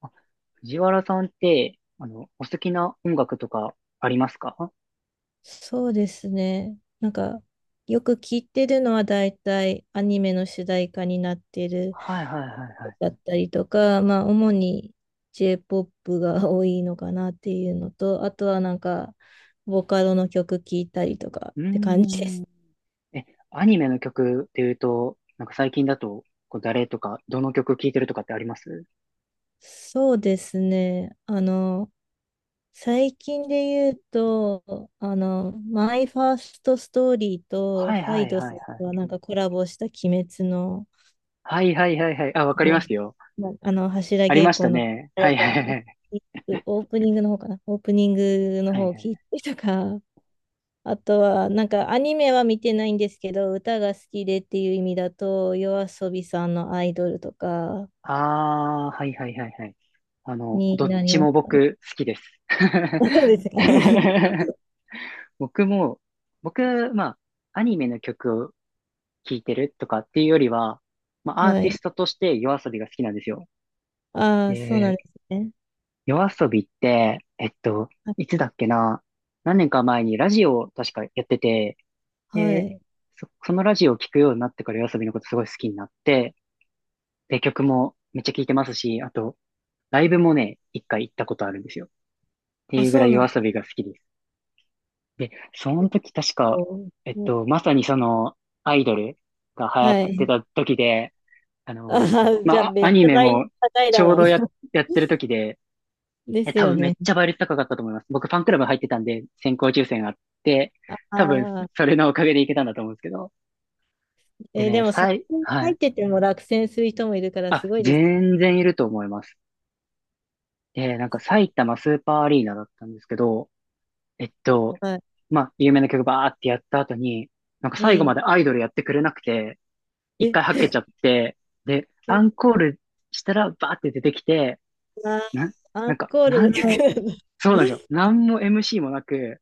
あ、藤原さんって、お好きな音楽とかありますか？そうですね。よく聞いてるのは大体アニメの主題歌になってるはいはいはいはだい。ったりとか、まあ、主に J-POP が多いのかなっていうのと、あとはなんか、ボカロの曲聞いたりとかうーって感じでん。す。え、アニメの曲っていうと、なんか最近だと、こう誰とか、どの曲聴いてるとかってあります？ そうですね。最近で言うと、マイファーストストーリーとはいハはイいドはスいはい。がなんかコラボした鬼滅のはいはいはいはい。あ、わかりまの、すよ。まあの柱ありま稽した古の、ね。あはれいか、はいはい。オープニングの方かな、オープニングのはいは方を聞いい。てとか、あとは、なんかアニメは見てないんですけど、歌が好きでっていう意味だと、夜遊びさんのアイドルとかあー、はいはいはいはい。どにっなりちますもかね。僕好きです。そうですか。僕も、僕、まあ、アニメの曲を聴いてるとかっていうよりは、ま あ、アーはティい。ストとして夜遊びが好きなんですよ。ああ、そうなんで、ですね。夜遊びって、いあ、つだっけな、何年か前にラジオを確かやってて、はで、い。そのラジオを聴くようになってから夜遊びのことすごい好きになって、で、曲もめっちゃ聴いてますし、あと、ライブもね、一回行ったことあるんですよ。ってあ、いうぐそらういなん夜遊だ。びが好きです。で、その時確おか、ー、まさにその、アイドルが流行っはてい。た時で、ああの、あ、じゃあ、まあ、めっアちニゃメ大も高いだちょうろうどな。やってる時で、です多よ分めっね。ちゃ倍率高かったと思います。僕ファンクラブ入ってたんで先行抽選があって、あ多分あ。それのおかげでいけたんだと思うんですけど。でえー、でね、も、そこには入っい。てても落選する人もいるから、あ、すごいです。全然いると思います。で、なんか埼玉スーパーアリーナだったんですけど、えっと、はい。まあ、有名な曲バーってやった後に、なんか最後いまいでアイドルやってくれなくて、一え、回はっけちゃって、で、アえ、ンコールしたらバーって出てきて、あー、な、アなンんか、コール何の曲もなんだ。そうなんですよ。何も MC もなく、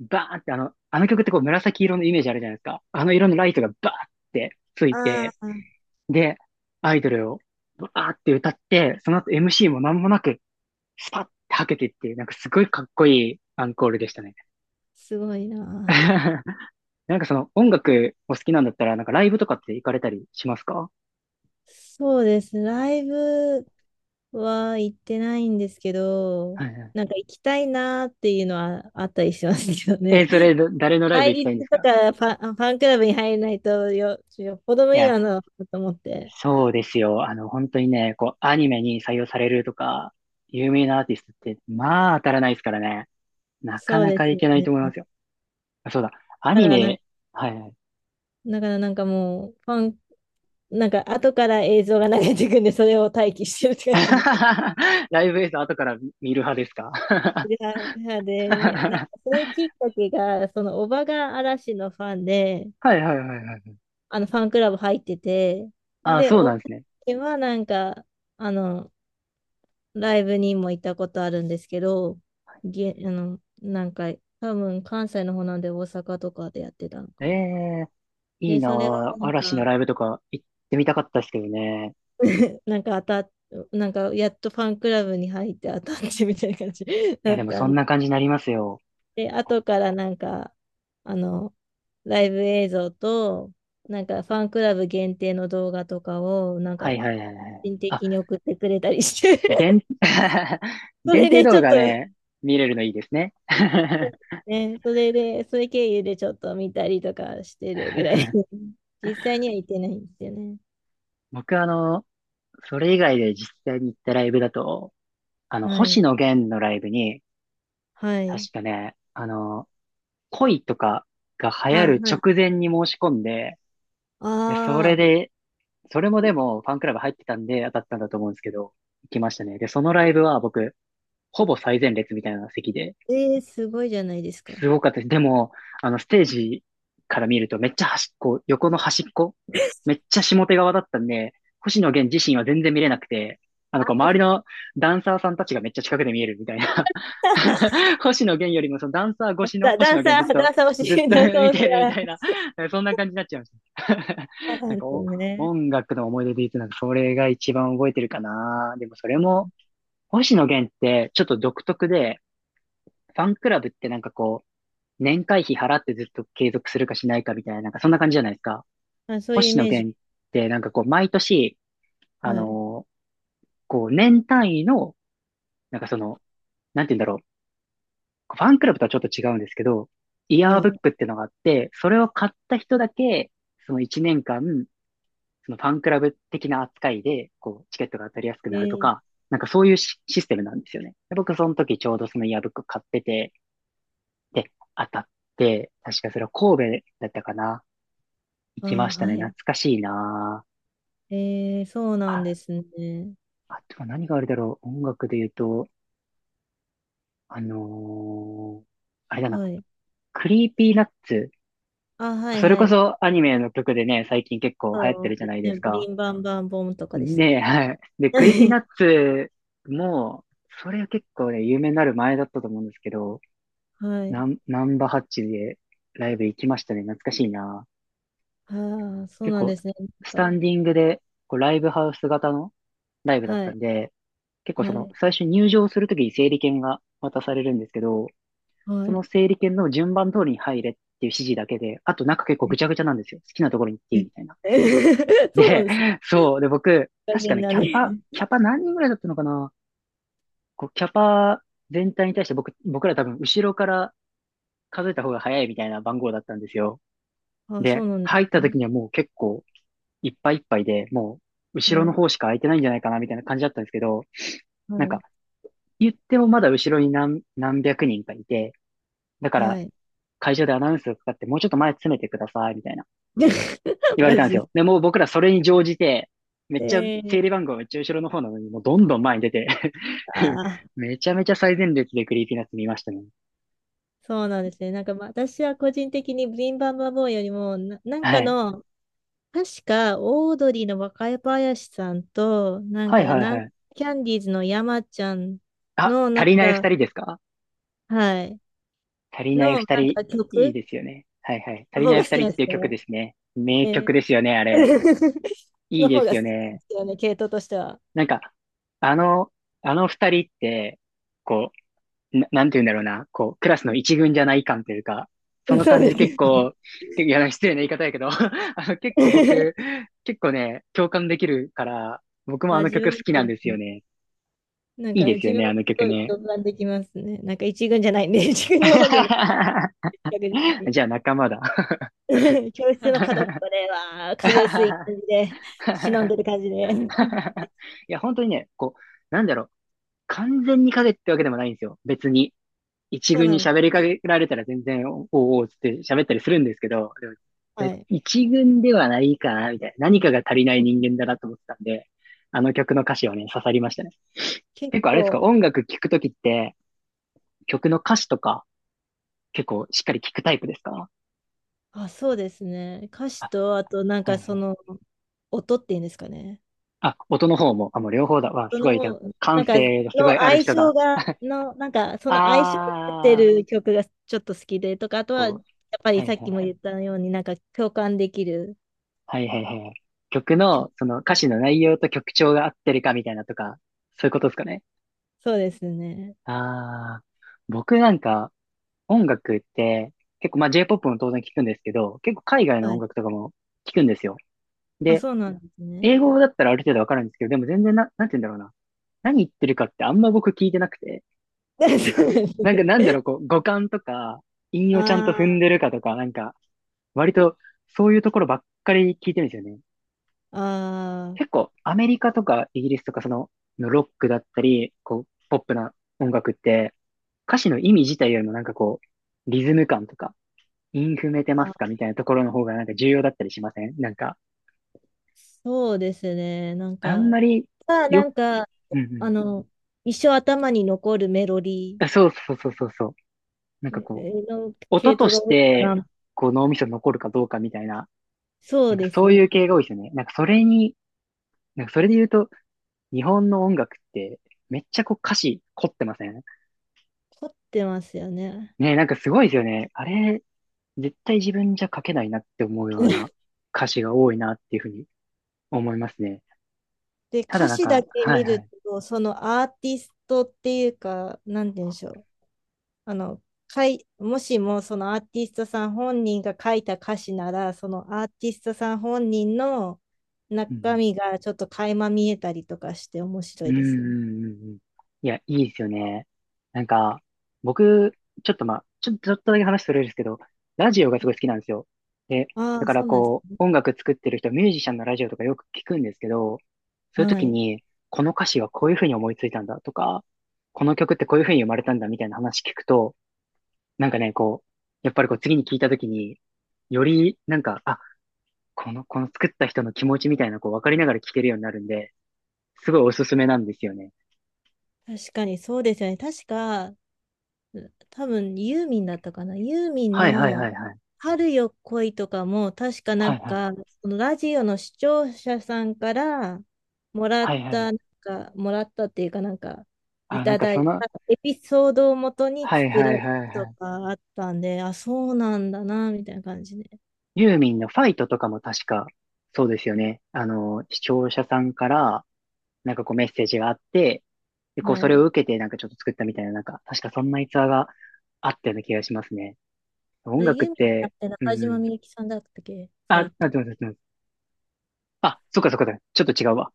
バーンってあの曲ってこう紫色のイメージあるじゃないですか。あの色のライトがバーンってついあて、あ、で、アイドルをバーって歌って、その後 MC も何もなく、スパッてはけてっていう、なんかすごいかっこいいアンコールでしたね。すごいな。なんかその音楽お好きなんだったら、なんかライブとかって行かれたりしますか？そうですね。ライブは行ってないんですけど、はいはい。なんか行きたいなっていうのはあったりしますけどね。え、そ れ、誰のライブ対行きたいんで立すとか？かファンクラブに入れないとよ、よっぽど無い理や、なのだと思って。そうですよ。あの、本当にね、こう、アニメに採用されるとか、有名なアーティストって、まあ、当たらないですからね。なかそうなでかすいよけないね。と思いますよ。あそうだ。アだかニらなん、メ、はいはい。だからなんかもう、ファンなんか後から映像が流れてくんで、それを待機してるって感じの。ライブ映像後から見る派ですか？ いやで、でなんかはそれきっかけが、そのおばが嵐のファンで、いはいはいはい。あのファンクラブ入ってて、あ、で、そうおなんですね。ばはなんか、あの、ライブにも行ったことあるんですけど、げ、あの、なんか、多分関西の方なんで大阪とかでやってたのえかな。えいいで、なそれはぁ。なん嵐のか、ライブとか行ってみたかったですけどね。なんか当たっなんかやっとファンクラブに入って当たってみたいな感じ いだや、っでもたそんんでな感じになりますよ。で、後からなんか、あの、ライブ映像と、なんかファンクラブ限定の動画とかを、はい個はいはいはい。人的に送ってくれたりして 限、そ限れ定でち動ょっ画と、ね、見れるのいいですね。ね、それで、それ経由でちょっと見たりとかしてるぐらい 実際には行ってないんですよね。僕それ以外で実際に行ったライブだと、は星い。野源のライブに、はい。確かね、恋とかが流行あ、るはい。直前に申し込んで、で、そあれあ、で、それもでもファンクラブ入ってたんで当たったんだと思うんですけど、行きましたね。で、そのライブは僕、ほぼ最前列みたいな席で、えー、すごいじゃないですすか。ごかったです。でも、ステージから見るとめっちゃ端っこ、横の端っこ、め っちゃ下手側だったんで、星野源自身は全然見れなくて、こう周りのダンサーさんたちがめっちゃ近くで見えるみたいな。星野源よりもそのダンサー越しの星野源ずっダと、ンサー欲しずっい、と ダン サー見欲してるみたいい。な、そんな感じになっちゃいました。そうななんんかですよね。音楽の思い出で言うと、なんかそれが一番覚えてるかな。でもそれも、星野源ってちょっと独特で、ファンクラブってなんかこう、年会費払ってずっと継続するかしないかみたいな、なんかそんな感じじゃないですか。あ、そういうイ星野メージ。源ってなんかこう毎年、あはい、のーこう年単位の、なんかその、なんて言うんだろう。ファンクラブとはちょっと違うんですけど、イヤはーブッい。クっていうのがあって、それを買った人だけ、その1年間、そのファンクラブ的な扱いで、こう、チケットが当たりやすくえなるとー、か、なんかそういうシステムなんですよね。で僕その時ちょうどそのイヤーブック買ってて、で、当たって、確かそれは神戸だったかな。行あ、きましたね。は懐い。かしいなえー、そうあ。なんであ、すね。あとは何があるだろう。音楽で言うと、あのーあれだな。はい。クリーピーナッツ。あ、はい、それはこい。そアニメの曲でね、最近結構流行っそてるうじゃですないでね。すプリか。ンバンバンボンとかでしたっねけ？ え、はい。で、クリーピーナ ッツも、それは結構ね、有名になる前だったと思うんですけど、はい。ナンバハッチでライブ行きましたね。懐かしいな。ああ、そう結なん構、ですね。スなタんか、ンディングで、こう、ライブハウス型のライブだっはたい、んで、結構そはの、い、最初入場するときに整理券が渡されるんですけど、そはのい。整理券の順番通りに入れっていう指示だけで、あと中結構ぐちゃぐちゃなんですよ。好きなところに行っていえいみたいな。え。 そうなんで、です。そう。で、僕、大確か変ね、だキャパ、ね。キャパ何人ぐらいだったのかな？こう、キャパ全体に対して僕ら多分後ろから数えた方が早いみたいな番号だったんですよ。あ、そで、うなんで入っすたね。時にはもう結構いっぱいいっぱいで、もうは後ろのい、方しか空いてないんじゃないかなみたいな感じだったんですけど、はなんかい、言ってもまだ後ろに何百人かいて、だからはい。会場でアナウンスがかかってもうちょっと前詰めてくださいみたいな 言われマたんですジよ。で、もう僕らそれに乗じて、めっで。ちゃえー、整理番号めっちゃ後ろの方なのにもうどんどん前に出て あ あ、めちゃめちゃ最前列でクリーピーナッツ見ましたね。そうなんですね。まあ、私は個人的にブリンバンバンボーンよりもな、なんはかい。の、確か、オードリーの若林さんと、はいはいはい。キャンディーズの山ちゃんあ、の、なん足りない二か、人ですか？はい、足りなの、いなん二人、いかい曲ですよね。はいはい。足のり方ないが好二き人っなんでていうす曲よね。ですね。名ね。 曲ですよね、あれ。いいので方すがよ好きなんね。ですよね、系統としては。なんか、あの、あの二人って、こう、なんて言うんだろうな、こう、クラスの一軍じゃない感というか、そ のそう感でじす結よね。構、いや、失礼な言い方やけど、結構ね、共感できるから、僕もああ、の自曲分好もきそうなんでですすよね。ね。なんいいか、です自よ分ね、もあすの曲ごいね。共感できますね。なんか、一軍じゃないんで、一軍の方じゃない、逆 に。じゃあ仲間だ。教室の角っこで、わー、影薄い感じ で、忍んでる感じで。いや、本当にね、こう、なんだろう、完全に影ってわけでもないんですよ、別に。一そう軍なにんです喋りかね。けられたら全然、おおーつって喋ったりするんですけど、ではい。一軍ではないかな、みたいな。何かが足りない人間だなと思ってたんで、あの曲の歌詞をね、刺さりましたね。結結構あれですか、構、音楽聴くときって、曲の歌詞とか結構しっかり聴くタイプですか？あ、そうですね。歌詞あ、と、あと、はいはい。音っていうんですかね。あ、音の方も、あ、もう両方だ。わ、す音ごい、の、な感んか、の性がすごいある相人性だ。が、の、なんか、その相性が合ってあー、る曲がちょっと好きでとか、あとは、やこっう、ぱはりいはいさっきもは言い。ったように、なんか共感できるはいはいはいはい。曲曲。の、その歌詞の内容と曲調が合ってるかみたいなとか、そういうことですかね。そうですね。ああ、僕なんか音楽って結構まあ J-POP も当然聞くんですけど、結構海外のは音い。楽とかも聞くんですよ。あ、で、そうなんですね。英語だったらある程度わかるんですけど、でも全然なんて言うんだろうな。何言ってるかってあんま僕聞いてなくて、そうでなんすか、なんね。かなんだろう、こう、語感とか、韻あをちゃんと踏んー、でるかとか、割とそういうところばっかり聞いてるんですよね。あー、結構アメリカとかイギリスとかのロックだったり、こう、ポップな音楽って、歌詞の意味自体よりもなんかこう、リズム感とか、イン踏めてますかあ、みたいなところの方がなんか重要だったりしませんなんか、そうですね。あんまりまあ、なよ、んか、うんうあん。の、一生頭に残るメロディあそうそうそうそうそう。なんかこう、ーの音系と統しが多いかて、な。こう脳みそに残るかどうかみたいな、そなうんかですそうよいうね。系が多いですよね。なんかそれに、なんかそれで言うと、日本の音楽って、めっちゃこう歌詞凝ってません凝ってますよね。ねなんかすごいですよね。あれ、絶対自分じゃ書けないなって思うような 歌詞が多いなっていうふうに思いますね。で、ただ歌なん詞だか、けは見いはるい。と、そのアーティストっていうか、なんて言うんでしょう。あの、もしもそのアーティストさん本人が書いた歌詞なら、そのアーティストさん本人のう中ん、身がちょっと垣間見えたりとかして面う白ん、いうん、ですよね。うんうんうん。いや、いいですよね。なんか、僕、ちょっとまあ、ちょっとだけ話それるんですけど、ラジオがすごい好きなんですよ。で、あだあ、かそらうなんですこね。う、音楽作ってる人、ミュージシャンのラジオとかよく聞くんですけど、そういうは時い。に、この歌詞はこういうふうに思いついたんだとか、この曲ってこういうふうに生まれたんだみたいな話聞くと、なんかね、こう、やっぱりこう次に聞いたときに、よりなんか、あ、この作った人の気持ちみたいな、こう分かりながら聞けるようになるんで、すごいおすすめなんですよね。確かにそうですよね。確か、多分ユーミンだったかな。ユーミンはいはいのはいはい。春よ恋とかも、確かなはいんはい。か、そのラジオの視聴者さんからもらはっいはた、い。もらったっていうかなんか、いあ、なんたかだそいの、たエピソードをもとにはい作はらいれはいはたとい。かあったんで、あ、そうなんだな、みたいな感じで。ユーミンのファイトとかも確か、そうですよね。あの、視聴者さんから、なんかこうメッセージがあって、で、こうそはれをい。受けてなんかちょっと作ったみたいな、なんか、確かそんな逸話があったような気がしますね。あ音れ、楽ユっーミンじゃなて、くてう中島ん。みゆきさんだったっけファあ、イあ、ト。どうぞどうぞ。あ、そっかそっかそっか。ちょっと違うわ。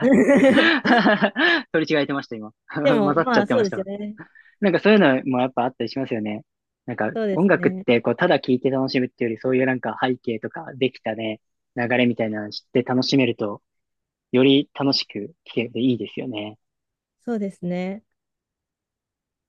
取り違えてました、今。で 混も、ざっちゃまっあ、てそまうしですよた。ね。なんかそういうのもやっぱあったりしますよね。なんかそうで音す楽っね。てこうただ聴いて楽しむっていうよりそういうなんか背景とかできたね、流れみたいなの知って楽しめるとより楽しく聴けていいですよね。そうですね。